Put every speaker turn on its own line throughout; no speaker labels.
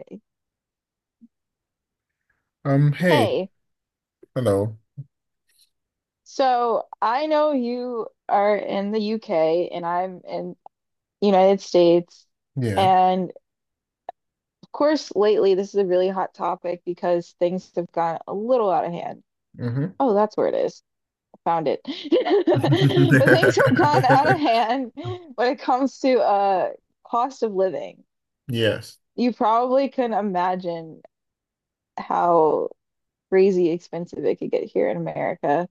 Okay.
Hey,
Hey,
hello.
so I know you are in the UK and I'm in the United States.
Yeah.
And of course, lately this is a really hot topic because things have gone a little out of hand.
Mm-hmm.
Oh, that's where it is. Found it. But things have gone out of hand when it comes to cost of living.
Yes.
You probably can imagine how crazy expensive it could get here in America.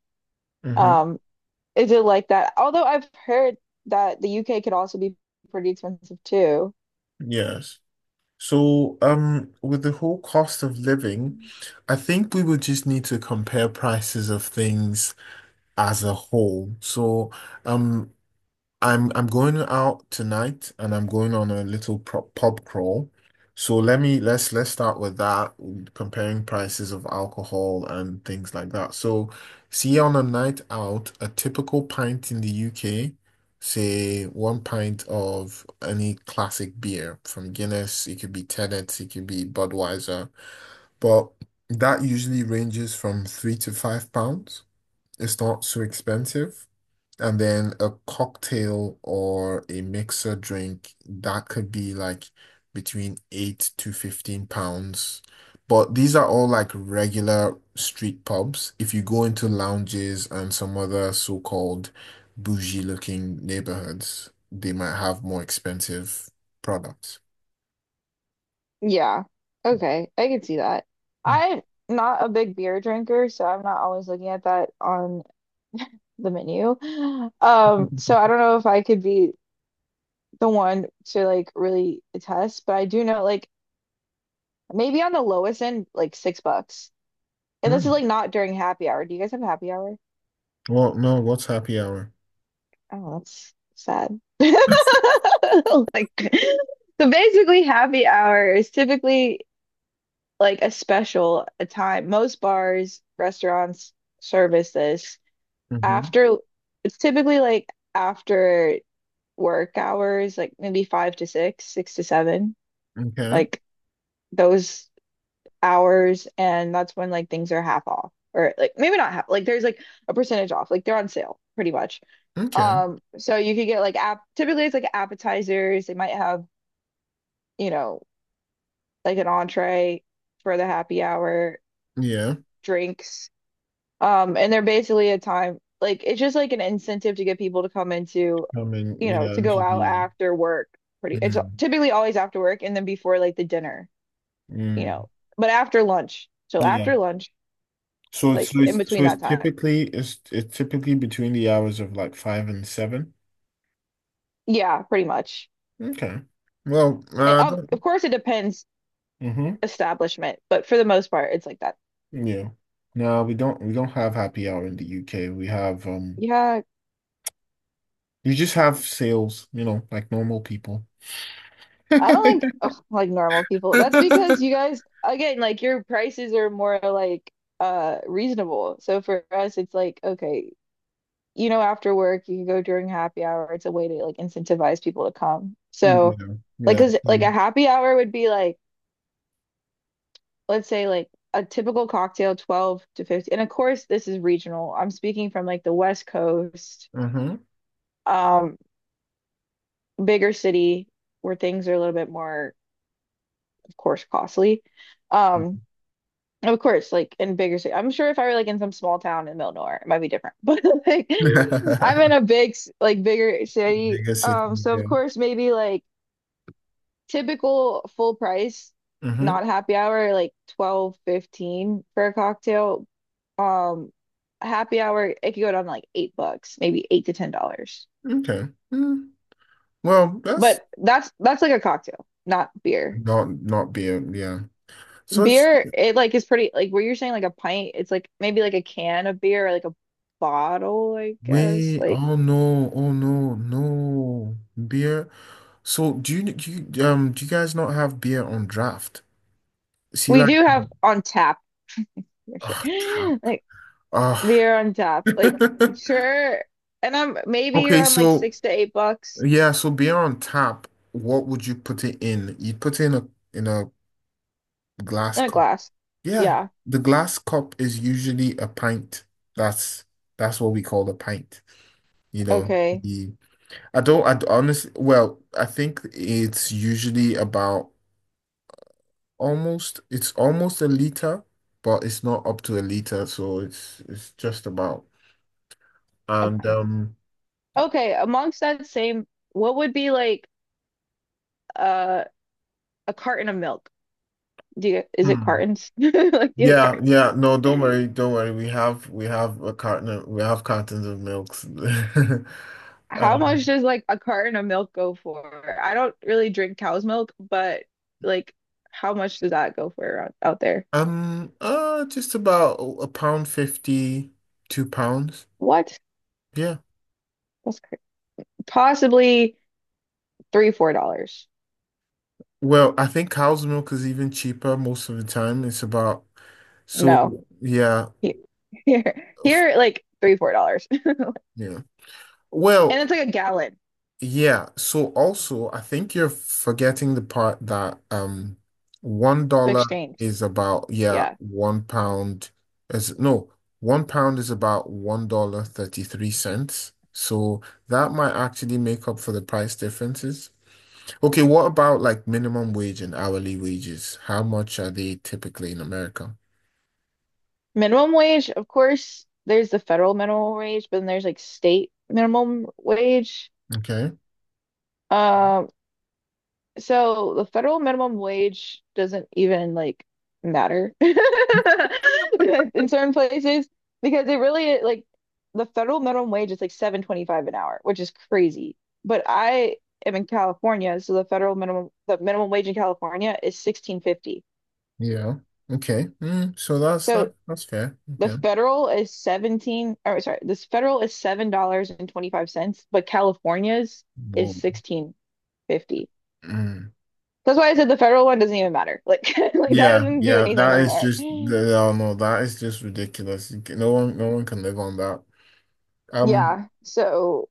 Mm-hmm.
Um, Is it like that? Although I've heard that the UK could also be pretty expensive too.
Yes. So, with the whole cost of living, I think we would just need to compare prices of things as a whole. So, um, I'm going out tonight and I'm going on a little pub crawl. So let me let's start with that, comparing prices of alcohol and things like that. So see, on a night out, a typical pint in the UK, say one pint of any classic beer, from Guinness, it could be Tennent's, it could be Budweiser, but that usually ranges from £3 to £5. It's not so expensive. And then a cocktail or a mixer drink, that could be like between £8 to £15. But these are all like regular street pubs. If you go into lounges and some other so-called bougie looking neighborhoods, they might have more expensive products.
Yeah. Okay. I can see that. I'm not a big beer drinker, so I'm not always looking at that on the menu. So I don't know if I could be the one to like really attest, but I do know like maybe on the lowest end, like $6. And this is
Hmm.
like not during happy hour. Do you guys have happy hour?
Well, no, what's happy hour?
Oh, that's sad. Like, so basically, happy hour is typically like a special, a time. Most bars, restaurants service this
Hmm.
after, it's typically like after work hours, like maybe five to six, six to seven,
Okay.
like those hours. And that's when like things are half off, or like maybe not half, like there's like a percentage off, like they're on sale pretty much.
Okay.
So you could get like app typically it's like appetizers. They might have, you know, like an entree for the happy hour,
Yeah.
drinks. And they're basically a time like it's just like an incentive to get people to come into,
Coming,
you know,
yeah,
to go
into
out
the.
after work. Pretty it's
Mm.
typically always after work and then before like the dinner, you
Mm.
know, but after lunch. So
Yeah.
after lunch,
So it's
like
so
in
it's so
between
it's
that time.
typically, it's typically between the hours of like five and seven.
Yeah, pretty much.
Okay. Well,
It, of
don't.
course it depends
Mm-hmm.
establishment, but for the most part it's like that.
Yeah. No, we don't have happy hour in the UK. We have,
Yeah,
you just have sales, like normal people.
I don't like ugh, like normal people. That's because you guys again like your prices are more like reasonable. So for us it's like okay, after work you can go during happy hour. It's a way to like incentivize people to come. So
Yeah.
like,
Yeah.
cause like
Yeah.
a happy hour would be like let's say like a typical cocktail 12 to 50. And of course this is regional. I'm speaking from like the West Coast,
Uh-huh.
um bigger city where things are a little bit more of course costly. Um Of course, like in bigger city. I'm sure if I were like in some small town in the middle of nowhere, it might be different. But like I'm in a like bigger city.
Bigger city,
So of
yeah.
course maybe like typical full price,
Mm-hmm.
not happy hour, like 12.15 for a cocktail. Um, Happy hour, it could go down to like $8, maybe $8 to $10.
Okay. Mm. Well, that's
But that's like a cocktail, not beer.
not, not beer, yeah. So it's...
Beer, it like is pretty like what you're saying, like a pint, it's like maybe like a can of beer or like a bottle, I guess.
Wait,
Like
oh no, oh no, no. Beer. So do you do you guys not have beer on draft? See,
we
like
do have
um,
on tap for sure.
oh, tap.
Like
Oh.
beer on tap. Like sure. And I'm maybe
Okay,
around like
so
$6 to $8
yeah, so beer on tap, what would you put it in? You put it in a glass
in a
cup.
glass.
Yeah.
Yeah.
The glass cup is usually a pint. That's that's what we call a pint. You know,
Okay.
the, I don't, I honestly, well, I think it's usually about, almost a liter, but it's not up to a liter, so it's just about.
A
And
pint. Okay. Amongst that same, what would be like uh a carton of milk? Do you is it
hmm.
cartons? Like do you have
Yeah,
cartons?
yeah, no, don't worry, don't worry. We have a carton, we have cartons of milks.
How much
Um,
does like a carton of milk go for? I don't really drink cow's milk, but like how much does that go for around out there?
just about a pound fifty, £2.
What?
Yeah.
That's cra Possibly three, $4.
Well, I think cow's milk is even cheaper most of the time. It's about, so
No.
yeah,
He- Here,
f-
here, like three, $4.
yeah.
And
Well,
it's like a gallon
yeah, so also I think you're forgetting the part that one
the
dollar
exchange.
is about, yeah,
Yeah.
£1 is, no, £1 is about $1.33. So that might actually make up for the price differences. Okay, what about like minimum wage and hourly wages? How much are they typically in America?
Minimum wage, of course, there's the federal minimum wage, but then there's like state minimum wage.
Okay.
Um, So the federal minimum wage doesn't even like matter in certain places because it really like the federal minimum wage is like 7.25 an hour, which is crazy. But I am in California, so the minimum wage in California is 16.50.
Yeah. Okay. Mm, so that's
So
that that's fair.
the
Okay.
federal is 17 or sorry, this federal is $7.25, but California's is
Whoa.
16.50.
Mm.
That's why I said the federal one doesn't even matter. Like, like that
Yeah,
doesn't do
yeah,
anything in
that is
America.
just no, no, that is just ridiculous. No one, no one can live on that. Um,
Yeah. So,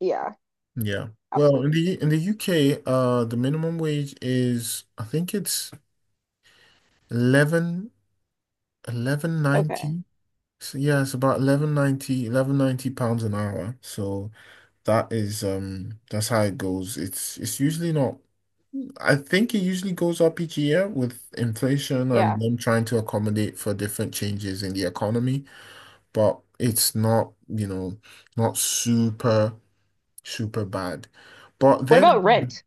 yeah,
yeah. Well, in
absolutely.
the UK, the minimum wage is, I think, it's eleven eleven
Okay.
ninety. So yeah, it's about eleven ninety eleven ninety pounds an hour. So that's how it goes. It's usually not, I think it usually goes up each year with inflation
Yeah.
and them trying to accommodate for different changes in the economy. But it's not, not super, super bad. But
What
then
about
again,
rent?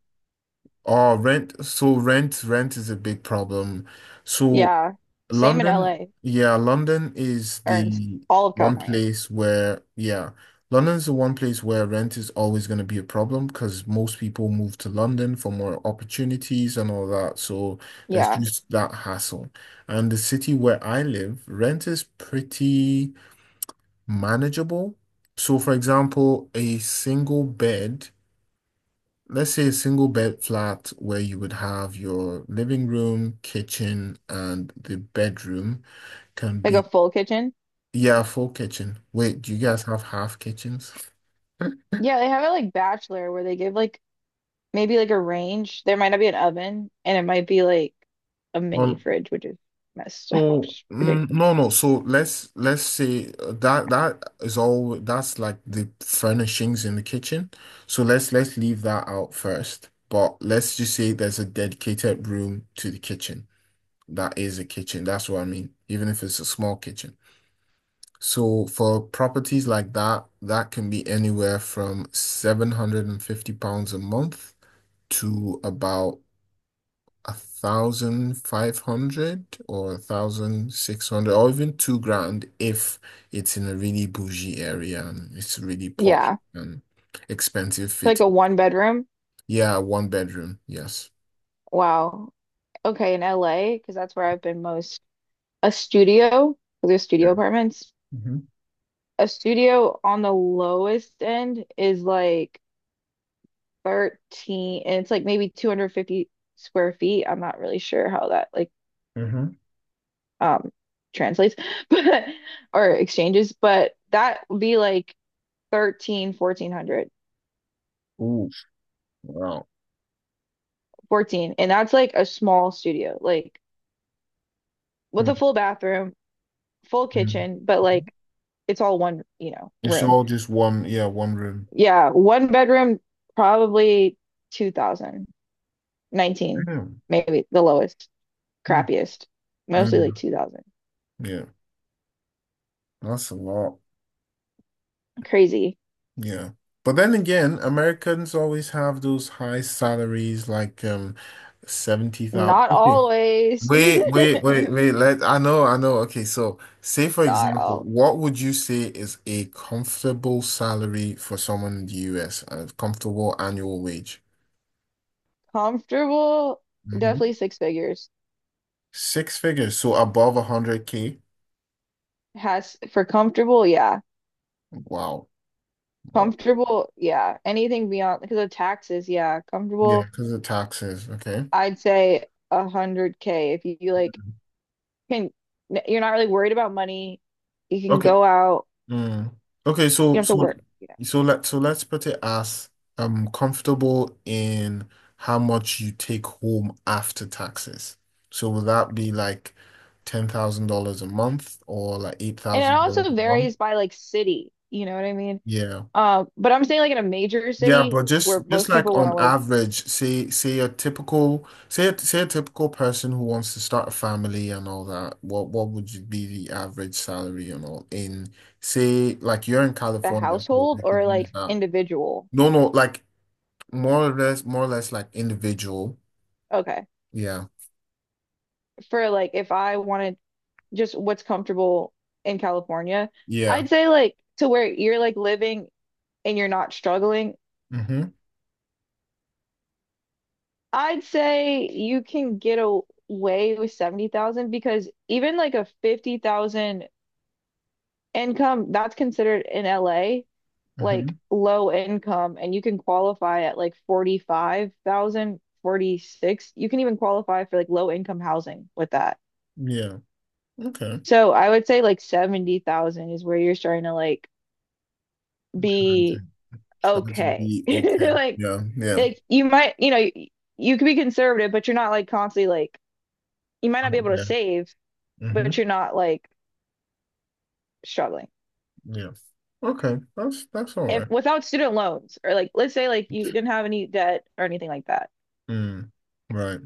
oh, rent. So rent is a big problem. So
Yeah. Same in
London,
LA
yeah, London is
or in
the
all of
one
California.
place where, yeah, London's the one place where rent is always going to be a problem, because most people move to London for more opportunities and all that. So there's
Yeah.
just that hassle. And the city where I live, rent is pretty manageable. So, for example, a single bed, let's say a single bed flat where you would have your living room, kitchen, and the bedroom, can
Like a
be,
full kitchen.
yeah, full kitchen. Wait, do you guys have half kitchens?
Yeah, they have it like bachelor where they give like maybe like a range. There might not be an oven and it might be like a mini
Um,
fridge, which is messed up, which
so,
is
mm,
ridiculous.
no, no. So let's say, that that is all. That's like the furnishings in the kitchen. So let's leave that out first. But let's just say there's a dedicated room to the kitchen, that is a kitchen. That's what I mean, even if it's a small kitchen. So for properties like that, that can be anywhere from £750 a month to about 1,500 or 1,600, or even 2 grand if it's in a really bougie area and it's really posh
Yeah.
and expensive
Like a
fitting.
one bedroom.
Yeah, one bedroom, yes.
Wow. Okay, in LA, because that's where I've been most. A studio, 'cause there's
Yeah.
studio apartments.
Mm-hmm.
A studio on the lowest end is like 13, and it's like maybe 250 square feet. I'm not really sure how that like
Mm-hmm.
um translates, but or exchanges, but that would be like 13, 1400,
Ooh, wow.
14, and that's like a small studio, like with a full bathroom, full
Mhm.
kitchen, but like it's all one,
It's
room.
all just one, yeah, one room.
Yeah, one bedroom, probably 2000. 19,
Yeah.
maybe the lowest,
Hmm.
crappiest, mostly like
Mm.
2000.
Yeah, that's a lot.
Crazy.
Yeah. But then again, Americans always have those high salaries, like 70,000.
Not
Okay.
always.
Wait, wait, wait, wait. Let I know, I know. Okay, so say for
Not
example,
all
what would you say is a comfortable salary for someone in the US, a comfortable annual wage?
comfortable.
Hmm.
Definitely six figures.
Six figures, so above 100K.
Has for comfortable, yeah.
Wow. Wow. Well,
Comfortable, yeah. Anything beyond because of taxes, yeah.
yeah,
Comfortable,
because of taxes. Okay.
I'd say 100K if you like
Mm-hmm.
can you're not really worried about money. You can
Okay.
go out,
Mm. Okay,
you
so
don't have to
so
work.
so let so let's put it as comfortable in how much you take home after taxes. So will that be like $10,000 a month, or like eight
And it
thousand dollars
also
a month?
varies by like city, you know what I mean?
Yeah.
But I'm saying like in a major
Yeah,
city
but just
where
just
most
like
people want
on
to live
average, say a typical person who wants to start a family and all that, what would you be the average salary and all in, say, like you're in
the
California, so
household
we could
or
use
like
that.
individual.
No, no, like more or less like individual.
Okay.
Yeah.
For like if I wanted just what's comfortable in California,
Yeah.
I'd say like to where you're like living and you're not struggling,
Mm-hmm.
I'd say you can get away with 70,000 because even like a 50,000 income, that's considered in LA,
Mm-hmm.
like low income, and you can qualify at like 45,000, 46. You can even qualify for like low income housing with that.
Yeah. Okay.
So I would say like 70,000 is where you're starting to like
I'm starting to
be
starting to
okay.
be okay.
Like
Yeah. Yeah.
like you might, you could be conservative, but you're not like constantly like you might not be
Out
able to
there.
save,
Mm-hmm.
but you're not like struggling.
Yeah. Okay. That's all
If
right.
without student loans or like let's say like you didn't have any debt or anything like that.
Mm, right.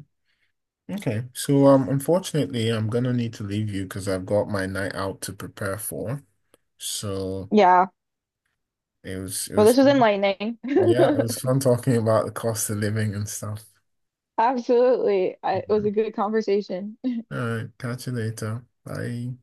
Okay. So, unfortunately I'm gonna need to leave you, because I've got my night out to prepare for. So
Yeah.
it was it
Well, this
was
was enlightening.
yeah, it was fun talking about the cost of living and stuff.
Absolutely. It was
Yeah.
a good conversation.
All right, catch you later. Bye.